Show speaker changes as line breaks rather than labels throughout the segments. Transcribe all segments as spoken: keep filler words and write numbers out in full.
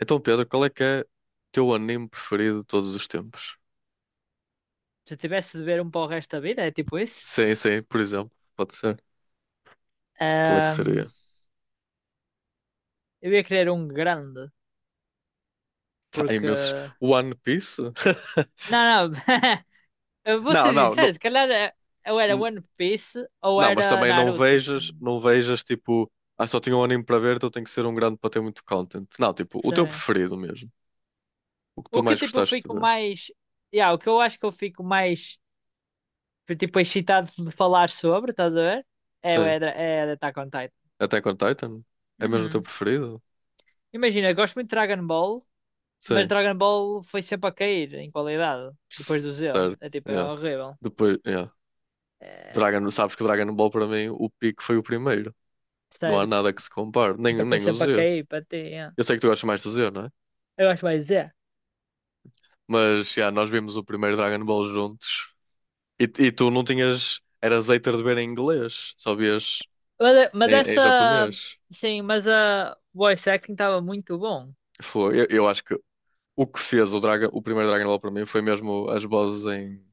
Então, Pedro, qual é que é o teu anime preferido de todos os tempos?
Se eu tivesse de beber um para o resto da vida, é tipo isso.
Sim, sim, por exemplo, pode ser. Qual é que
Ahm,
seria?
eu ia querer um grande,
Tá, há imensos.
porque.
One Piece?
Não, não. Eu vou
Não,
ser
não,
sincero,
não,
se calhar eh, eu era
n-
One Piece ou
não, mas
era
também não
Naruto,
vejas,
assim.
não vejas tipo, ah, só tinha um anime para ver, então tem que ser um grande para ter muito content. Não, tipo, o teu
Sim.
preferido mesmo. O que tu
O que
mais
tipo eu
gostaste de
fico
ver.
mais. Yeah, o que eu acho que eu fico mais tipo excitado de falar sobre, estás a ver? É, o-
Sim.
é, da- é da Attack on Titan.
Attack on Titan? É mesmo o teu
Uhum.
preferido?
Imagina, eu gosto muito de Dragon Ball, mas
Sim.
Dragon Ball foi sempre a cair em qualidade, depois do Z.
Certo.
É tipo, é
Yeah.
horrível.
Depois, yeah. Dragon,
É,
sabes que Dragon Ball para mim, o pico foi o primeiro. Não há
Certo.
nada que se compare, nem,
Então foi
nem o
sempre para
Z.
cair, para ter. yeah.
Eu sei que tu gostas mais do Z, não é?
Eu acho mais é.
Mas já, nós vimos o primeiro Dragon Ball juntos e, e tu não tinhas. Eras hater de ver em inglês, só vias
Mas, é, mas
em, em
essa.
japonês.
Sim, mas a voice acting estava muito bom
Foi. Eu, eu acho que o que fez o, Draga, o primeiro Dragon Ball para mim foi mesmo as vozes em,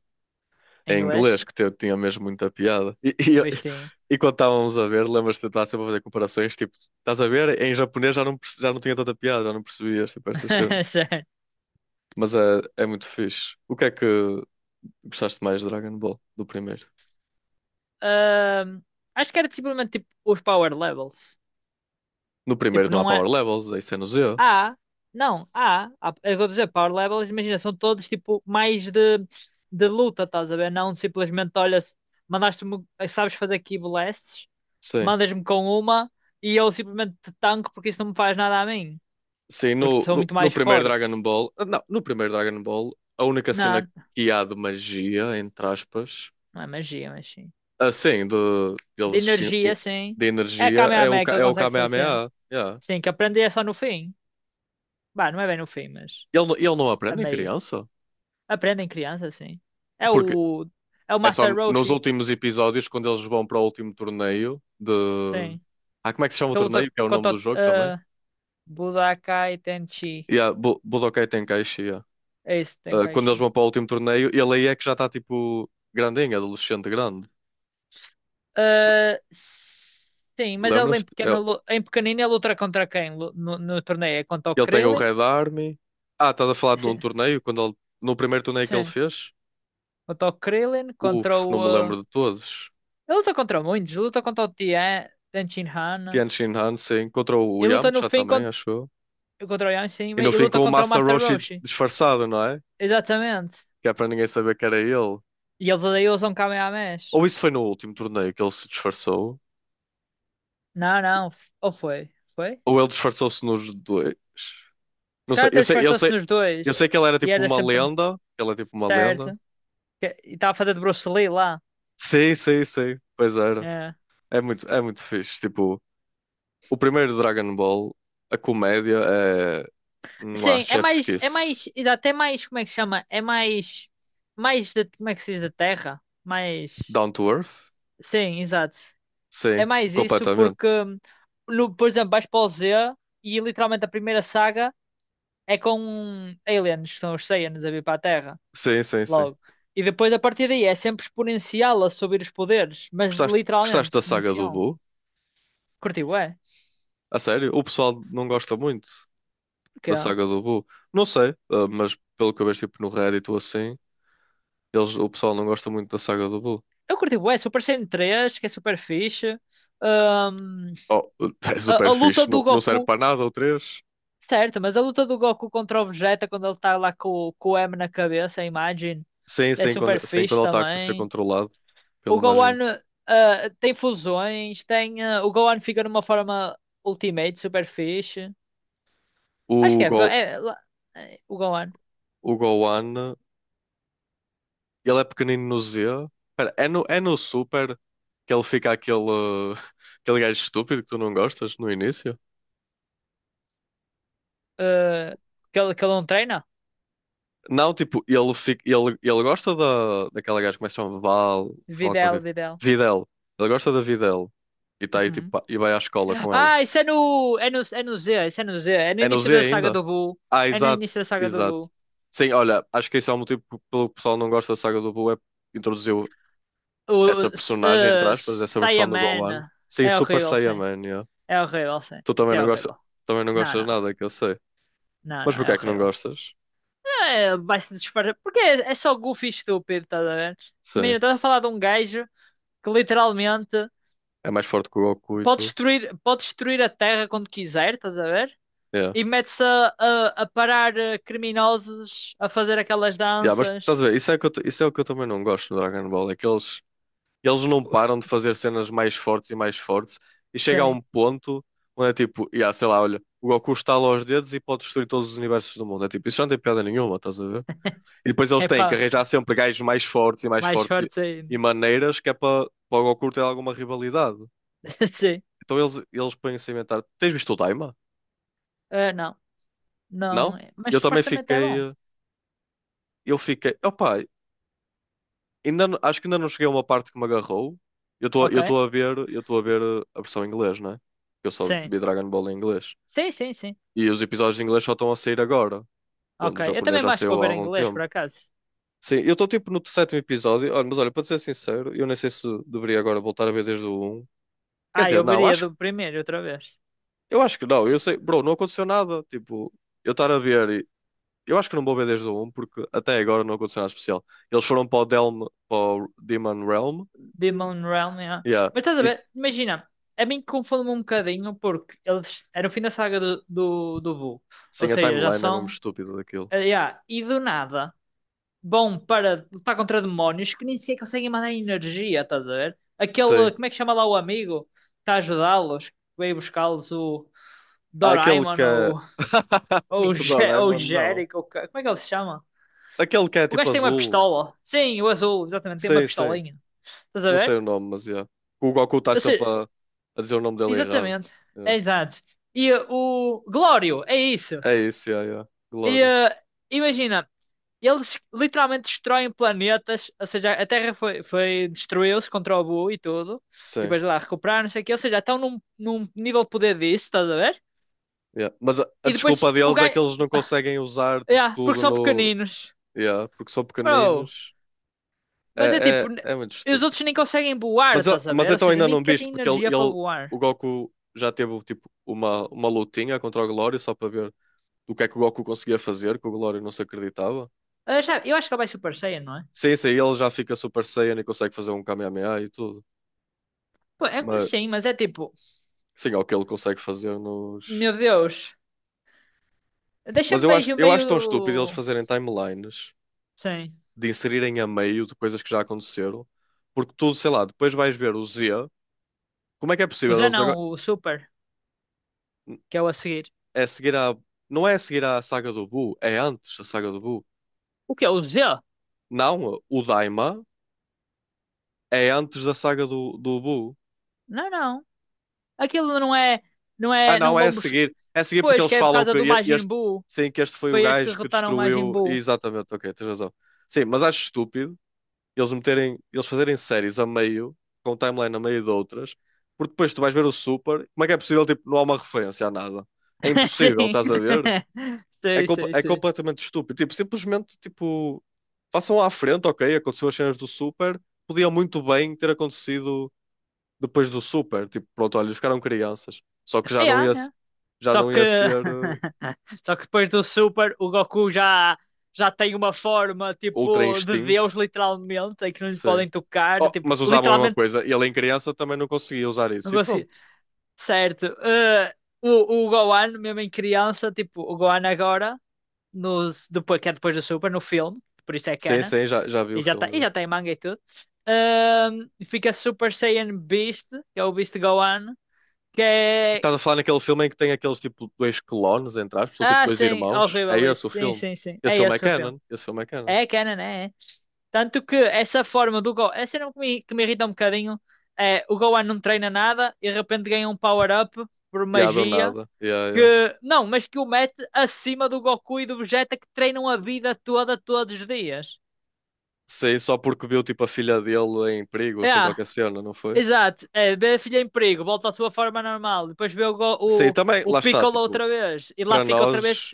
em
em
inglês.
inglês, que te- tinha mesmo muita piada. E, e,
Pois tem.
e quando estávamos a ver, lembras-te de estar sempre a fazer comparações, tipo, estás a ver? Em japonês já não, perce- já não tinha tanta piada, já não percebias, tipo, estas cenas.
Certo.
Mas é, é muito fixe. O que é que, Gostaste mais de Dragon Ball do primeiro?
Ahm, Acho que era simplesmente tipo os power levels.
No primeiro
Tipo,
não há
não
Power
é.
Levels, isso é no Z.
Há, não, há, há, é o que eu estou a dizer, power levels, imagina, são todos tipo mais de, de luta, estás a ver? Não simplesmente, olha, se- mandaste-me, sabes fazer key blasts,
Sim.
mandas-me com uma e eu simplesmente te tanco porque isso não me faz nada a mim,
Sim,
porque
no,
são
no,
muito
no
mais
primeiro
fortes.
Dragon Ball. Ah, Não, no primeiro Dragon Ball, a única cena
Não,
que há de magia, entre aspas,
não é magia, mas sim.
assim, de,
De
deles,
energia, sim.
de
É a
energia, é o,
Kamehameha que
Ka-
ele
é o
consegue fazer.
Kamehameha. Yeah.
Sim, que aprende é só no fim. Bah, não é bem no fim, mas
Ele, não- ele não
a
aprende em
meio.
criança?
Aprende em criança, sim. É
Porque
o, é o
é só
Master
nos
Roshi,
últimos episódios, quando eles vão para o último torneio de.
sim.
Ah, como é que se chama o
Kabuto-
torneio? Que é o nome do
Koto-
jogo também?
ah, Budokai Tenchi.
Yeah, Bu- Budokai Tenkaichi. Yeah.
É esse,
Uh, quando eles
Tenkaichi.
vão para o último torneio, ele aí é que já está tipo grandinho, adolescente grande.
Ah, sim, mas ele em
Lembras-te?
pequeno,
Ele,
lu- em pequenino ele luta contra quem lu- no, no torneio? É contra o
ele tem o
Krillin?
Red Army. Ah, estás a falar de um torneio? Quando ele, no primeiro torneio que ele
Sim,
fez?
contra o Krillin, contra
Uf, não
o...
me lembro
ah,
de todos.
ele luta contra muitos, ele luta contra o Tien, Tenchin Hana.
Tianjin Hansen contra o
Ele luta no
Yamcha
fim
também,
contra,
acho eu.
contra o Yamcha
E
mas
no
ele
fim
luta
com o
contra o
Master
Master
Roshi dis-
Roshi.
disfarçado, não é?
Exatamente.
Que é para ninguém saber que era ele.
E eles daí usam Kamehamehas.
Ou isso foi no último torneio que ele se disfarçou?
Não, não, f- ou foi? Foi?
Ou ele disfarçou-se nos dois?
Esse
Não
cara
sei,
até
eu sei, eu
disfarçou-se
sei,
nos
eu sei
dois.
que ele era
E
tipo
era
uma
sempre.
lenda, que ele é tipo uma lenda,
Certo. Que- E estava a fazer de Bruce Lee lá.
sim, sim, sim. Pois era.
É.
É muito, é muito fixe. Tipo, o primeiro Dragon Ball, a comédia é. Mua,
Sim, é
Chef's
mais, é
Kiss.
mais, e dá até mais, como é que se chama? É mais, mais, de, como é que se diz, da terra? Mais,
Down to Earth?
sim, exato. É
Sim,
mais isso
completamente.
porque, no, por exemplo, vais para o Z e literalmente a primeira saga é com aliens, que são os Saiyans a vir para a Terra,
Sim, sim, sim.
logo. E depois a partir daí é sempre exponencial a subir os poderes, mas
Gostaste, gostaste
literalmente
da saga do
exponencial.
Boo?
Curti, ué?
A sério? O pessoal não gosta muito da
Porquê?
saga do Boo. Não sei, ah, mas pelo que eu vejo tipo, no Reddit ou assim, eles, o pessoal não gosta muito da saga do Boo.
Eu curti bué, Super Saiyan três, que é super fixe. Ahm,
Oh, é
a,
super
a luta
fixe.
do
Não, não serve
Goku,
para nada o três.
certo, mas a luta do Goku contra o Vegeta quando ele tá lá com, com o M na cabeça, a imagem,
Sim,
é
sim, quando,
super
sim, quando
fixe
ele está a ser
também.
controlado
O
pelo Majin.
Gohan, ah, tem fusões, tem, ah, o Gohan fica numa forma Ultimate, super fixe. Acho que
O,
é,
Go,
é, lá- é, o Gohan.
o Gohan, ele é pequenino no Z. Pera, é no, é no Super que ele fica aquele, aquele gajo estúpido que tu não gostas no início?
ah, que, ele, que ele não treina?
Não, tipo, ele, fica, ele, ele gosta da, daquela gaja que começa a Val, Val
Videl,
qualquer.
Videl.
Videl. Ele gosta da Videl. E tá aí, tipo, pa- e vai à escola com ela.
Ah, isso é no. É no, é no Z, isso é no Z. É no
É no
início
Z
da saga
ainda?
do Boo.
Ah,
É no
exato,
início da saga do
exato.
Boo.
Sim, olha, acho que esse é o motivo pelo que o pessoal não gosta da saga do Boo, é introduzir
O.
essa
s-
personagem, entre
eh,
aspas, essa versão do Gohan,
Saiyaman.
sem
É
Super
horrível, sim.
Saiyaman, yeah.
É horrível, sim.
Tu também
Isso é
não gostas,
horrível.
também não
Não,
gostas
não.
nada, que eu sei.
Não,
Mas
não, é
porquê é que não
horrível.
gostas?
É, vai-se disparar. Porque é, é só goofy e estúpido, estás a ver?
Sim,
Imagina, estás a falar de um gajo que literalmente
é mais forte que o Goku e
pode
tudo.
destruir, pode destruir a Terra quando quiser, estás a ver?
Yeah.
E mete-se a, a, a parar eh, criminosos, a fazer aquelas
Yeah, mas
danças.
estás a ver, isso é, que eu, t- isso é o que eu também não gosto no Dragon Ball, é que eles, eles
Os-
não
os-
param de fazer cenas mais fortes e mais fortes, e chega a
Sim.
um ponto onde é tipo, yeah, sei lá, olha, o Goku estala os dedos e pode destruir todos os universos do mundo. É tipo, isso já não tem piada nenhuma, estás a ver? E depois eles têm que
Epá,
arranjar sempre gajos mais fortes e mais
mais
fortes e,
fortes
e
ainda.
maneiras que é para para o Goku ter alguma rivalidade.
Sim.
Então eles, eles põem-se a inventar. Tens visto o Daima?
Ah, não,
Não?
não. é- Mas
Eu também
supostamente é
fiquei.
bom.
eh, Eu fiquei. Opa, ainda, não- acho que ainda não cheguei a uma parte que me agarrou. Eu estou eu
Ok.
estou a ver, eu estou a ver eh, a versão em inglês, né? Eu só
Sim.
vi Dragon Ball em inglês.
Sim, sim, sim.
E os episódios em inglês só estão a sair agora,
Ok.
quando o
Eu
japonês
também
já
acho que vou
saiu há
ver em
algum
inglês, por
tempo.
acaso.
Sim, eu estou tipo no sétimo episódio. Olha, mas olha, para te ser sincero, eu nem sei se deveria agora voltar a ver desde o um. Quer
Ah,
dizer,
eu
não,
veria
acho,
do primeiro outra vez.
eu acho que não. Eu
S-
sei, bro, não aconteceu nada. Tipo, eu estar a ver. e- Eu acho que não vou ver desde o um porque até agora não aconteceu nada especial. Eles foram para o, Delm, para o Demon Realm.
Demon Realm, yeah.
Yeah.
Mas estás a
E
ver? Imagina, a mim confunde-me um bocadinho porque eles. Era o fim da saga do, do, do Boo. Ou
sim, a
seja, já
timeline é mesmo
são.
estúpida daquilo.
Ah, yeah. E do nada. Bom para lutar contra demónios que nem sequer conseguem mandar energia, estás a ver? Aquele,
Sim.
como é que chama lá o amigo, que está a ajudá-los, que veio buscá-los, o
Há aquele que
Doraemon
é.
ou, ou, o
O
Je- ou o
Doraemon, não.
Jericho, ou ca- como é que ele se chama?
Aquele que é
O
tipo
gajo tem uma
azul.
pistola. Sim, o azul, exatamente, tem uma
Sim, sim.
pistolinha. Estás a
Não sei
ver?
o nome, mas yeah. O Goku está
Ou seja,
sempre a, a dizer o nome dele errado.
exatamente, é
Yeah.
exato. E uh, o Glório, é isso.
É isso, yeah, yeah.
E
Glória.
uh, imagina, E Eles literalmente destroem planetas, ou seja, a Terra foi, foi destruiu-se contra o Boo e tudo, e
Sim.
depois lá recuperaram, não sei o quê, ou seja, estão num, num, nível de poder disso, estás a ver?
Yeah. Mas a, a
E depois
desculpa
o
deles é que
gajo,
eles não conseguem usar tipo
yeah, porque
tudo
são
no.
pequeninos,
Yeah, porque são
bro,
pequeninos.
mas é
É,
tipo, n-
é, é muito
os
estúpido.
outros nem conseguem voar,
Mas, a-
estás a
mas
ver? Ou
então
seja,
ainda
nem
não
sequer
viste,
têm
porque ele,
energia para
ele,
voar.
o Goku já teve tipo uma, uma lutinha contra o Glória só para ver do que é que o Goku conseguia fazer, que o Glória não se acreditava.
Ah já, eu acho que ele vai Super Saiyan, não é?
Sim, sim, ele já fica Super Saiyan e consegue fazer um Kamehameha e tudo.
Pô, é-
Mas
sim, mas é tipo,
sim, é o que ele consegue fazer nos.
meu Deus,
Mas
deixa-me
eu acho,
meio,
eu acho tão estúpido eles
meio,
fazerem timelines.
sim,
De inserirem a meio de coisas que já aconteceram, porque tudo, sei lá, depois vais ver o Z. Como é que é
o
possível
Z
eles agora.
não, o Super, que é o a seguir.
É seguir a. Não é seguir a saga do Buu, é antes da saga do Buu.
O que é o Z?
Não, o Daima é antes da saga do, do Buu.
Não, não. Aquilo não é, não
Ah,
é, não
não, é a
vão bus-
seguir. É a seguir porque
Pois
eles
que é por
falam
causa
que
do
e-
Majin
este.
Buu.
Sim, que este foi o
Foi eles que
gajo que
derrotaram o Majin
destruiu.
Buu.
Exatamente, ok, tens razão. Sim, mas acho estúpido eles meterem, eles fazerem séries a meio, com um timeline a meio de outras, porque depois tu vais ver o Super, como é que é possível, tipo, não há uma referência a nada? É impossível,
Sim.
estás a ver? É,
Sei,
compa-
sei,
é
sei.
completamente estúpido. Tipo, simplesmente, tipo, façam lá à frente, ok, aconteceu as cenas do Super, podia muito bem ter acontecido depois do Super, tipo, pronto, olha, eles ficaram crianças, só que já não
Yeah,
ia, se-
yeah.
já
Só
não
que
ia ser eh,
só que depois do Super, o Goku já já tem uma forma
Ultra
tipo de
Instinct,
Deus literalmente, em que não lhes
sei.
podem tocar,
Oh,
tipo,
mas usavam a mesma
literalmente
coisa. E ele em criança também não conseguia usar
não
isso. E pronto.
consigo. Certo. eh, o o Gohan mesmo em criança, tipo, o Gohan agora nos depois que é depois do Super no filme, por isso é
Sim,
canon.
sim, já, já vi o
E já está e
filme.
já tem manga e tudo. Ahm, fica Super Saiyan Beast, que é o Beast Gohan, que é.
Estás a falar naquele filme em que tem aqueles tipo dois clones, entre aspas, ou tipo
Ah,
dois
sim,
irmãos? É
horrível esse.
esse o
Sim,
filme?
sim, sim.
Esse
É
filme é
esse o filme.
canon? Esse filme é canon.
É canon, é. é. Tanto que essa forma do Gohan. Essa cena que me, que me, irrita um bocadinho é o Gohan não treina nada e de repente ganha um power-up por
E yeah, do
magia.
nada. Yeah, yeah.
Que, não, mas que o mete acima do Goku e do Vegeta que treinam a vida toda, todos os dias.
Sei, só porque viu tipo a filha dele em perigo,
É,
sem qualquer cena, não foi?
exato, é, vê a filha em perigo, volta à sua forma normal, depois vê o, go-
Sim
o,
também,
o
lá está,
Piccolo
tipo,
outra vez e lá
para
fica outra vez,
nós,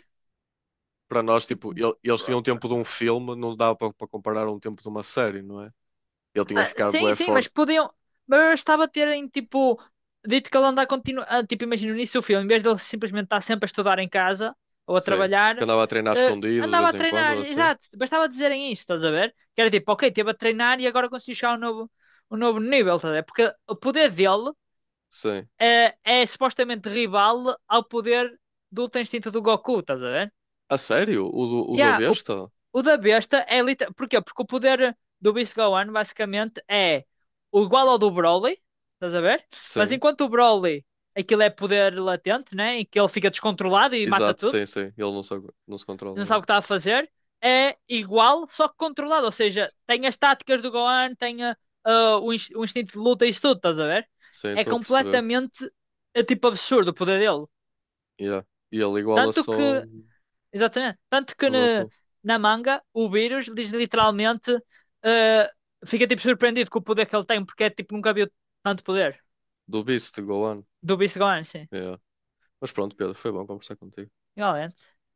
para nós, tipo,
tipo,
ele- eles tinham o
broken.
tempo de um filme, não dava para para comparar um tempo de uma série, não é? Ele tinha que
Ah,
ficar
sim,
bué
sim, mas
forte,
podiam. Mas bastava terem, tipo, dito que ele anda a continuar. Ah, tipo, imagina no início do filme, em vez de ele simplesmente estar sempre a estudar em casa ou a
sim.
trabalhar,
Que andava a treinar
eh,
escondido de
andava a
vez em quando,
treinar,
ou assim.
exato, bastava dizerem isto, estás a ver? Que era tipo, ok, esteve a treinar e agora conseguiu chegar a um novo, um novo nível, estás a ver? Porque o poder dele.
Sim.
eh, é supostamente rival ao poder do Ultra Instinto do Goku, estás a ver?
A sério? O do, o da
Yeah, o,
besta?
o da besta é literalmente. Porquê? Porque o poder do Beast Gohan basicamente é o igual ao do Broly, estás a ver? Mas
Sim.
enquanto o Broly, aquilo é poder latente, né? Em que ele fica descontrolado e mata
Exato,
tudo,
sim, sim. Ele não se, não se
não
controla.
sabe
É.
o que está a fazer, é igual, só que controlado. Ou seja, tem as táticas do Gohan, tem ah, ah, o, ins- o instinto de luta e isso tudo, estás a ver?
Sim,
É
estou a perceber.
completamente é tipo absurdo o poder dele.
Yeah. E ele iguala
Tanto
só
que,
o
exatamente, tanto que na,
Goku.
na manga o vírus diz literalmente, eh, fica tipo surpreendido com o poder que ele tem, porque é tipo nunca viu tanto poder
Do Beast, Gohan.
do Beast Gone, sim,
Yeah. Mas pronto, Pedro, foi bom conversar contigo.
igualmente.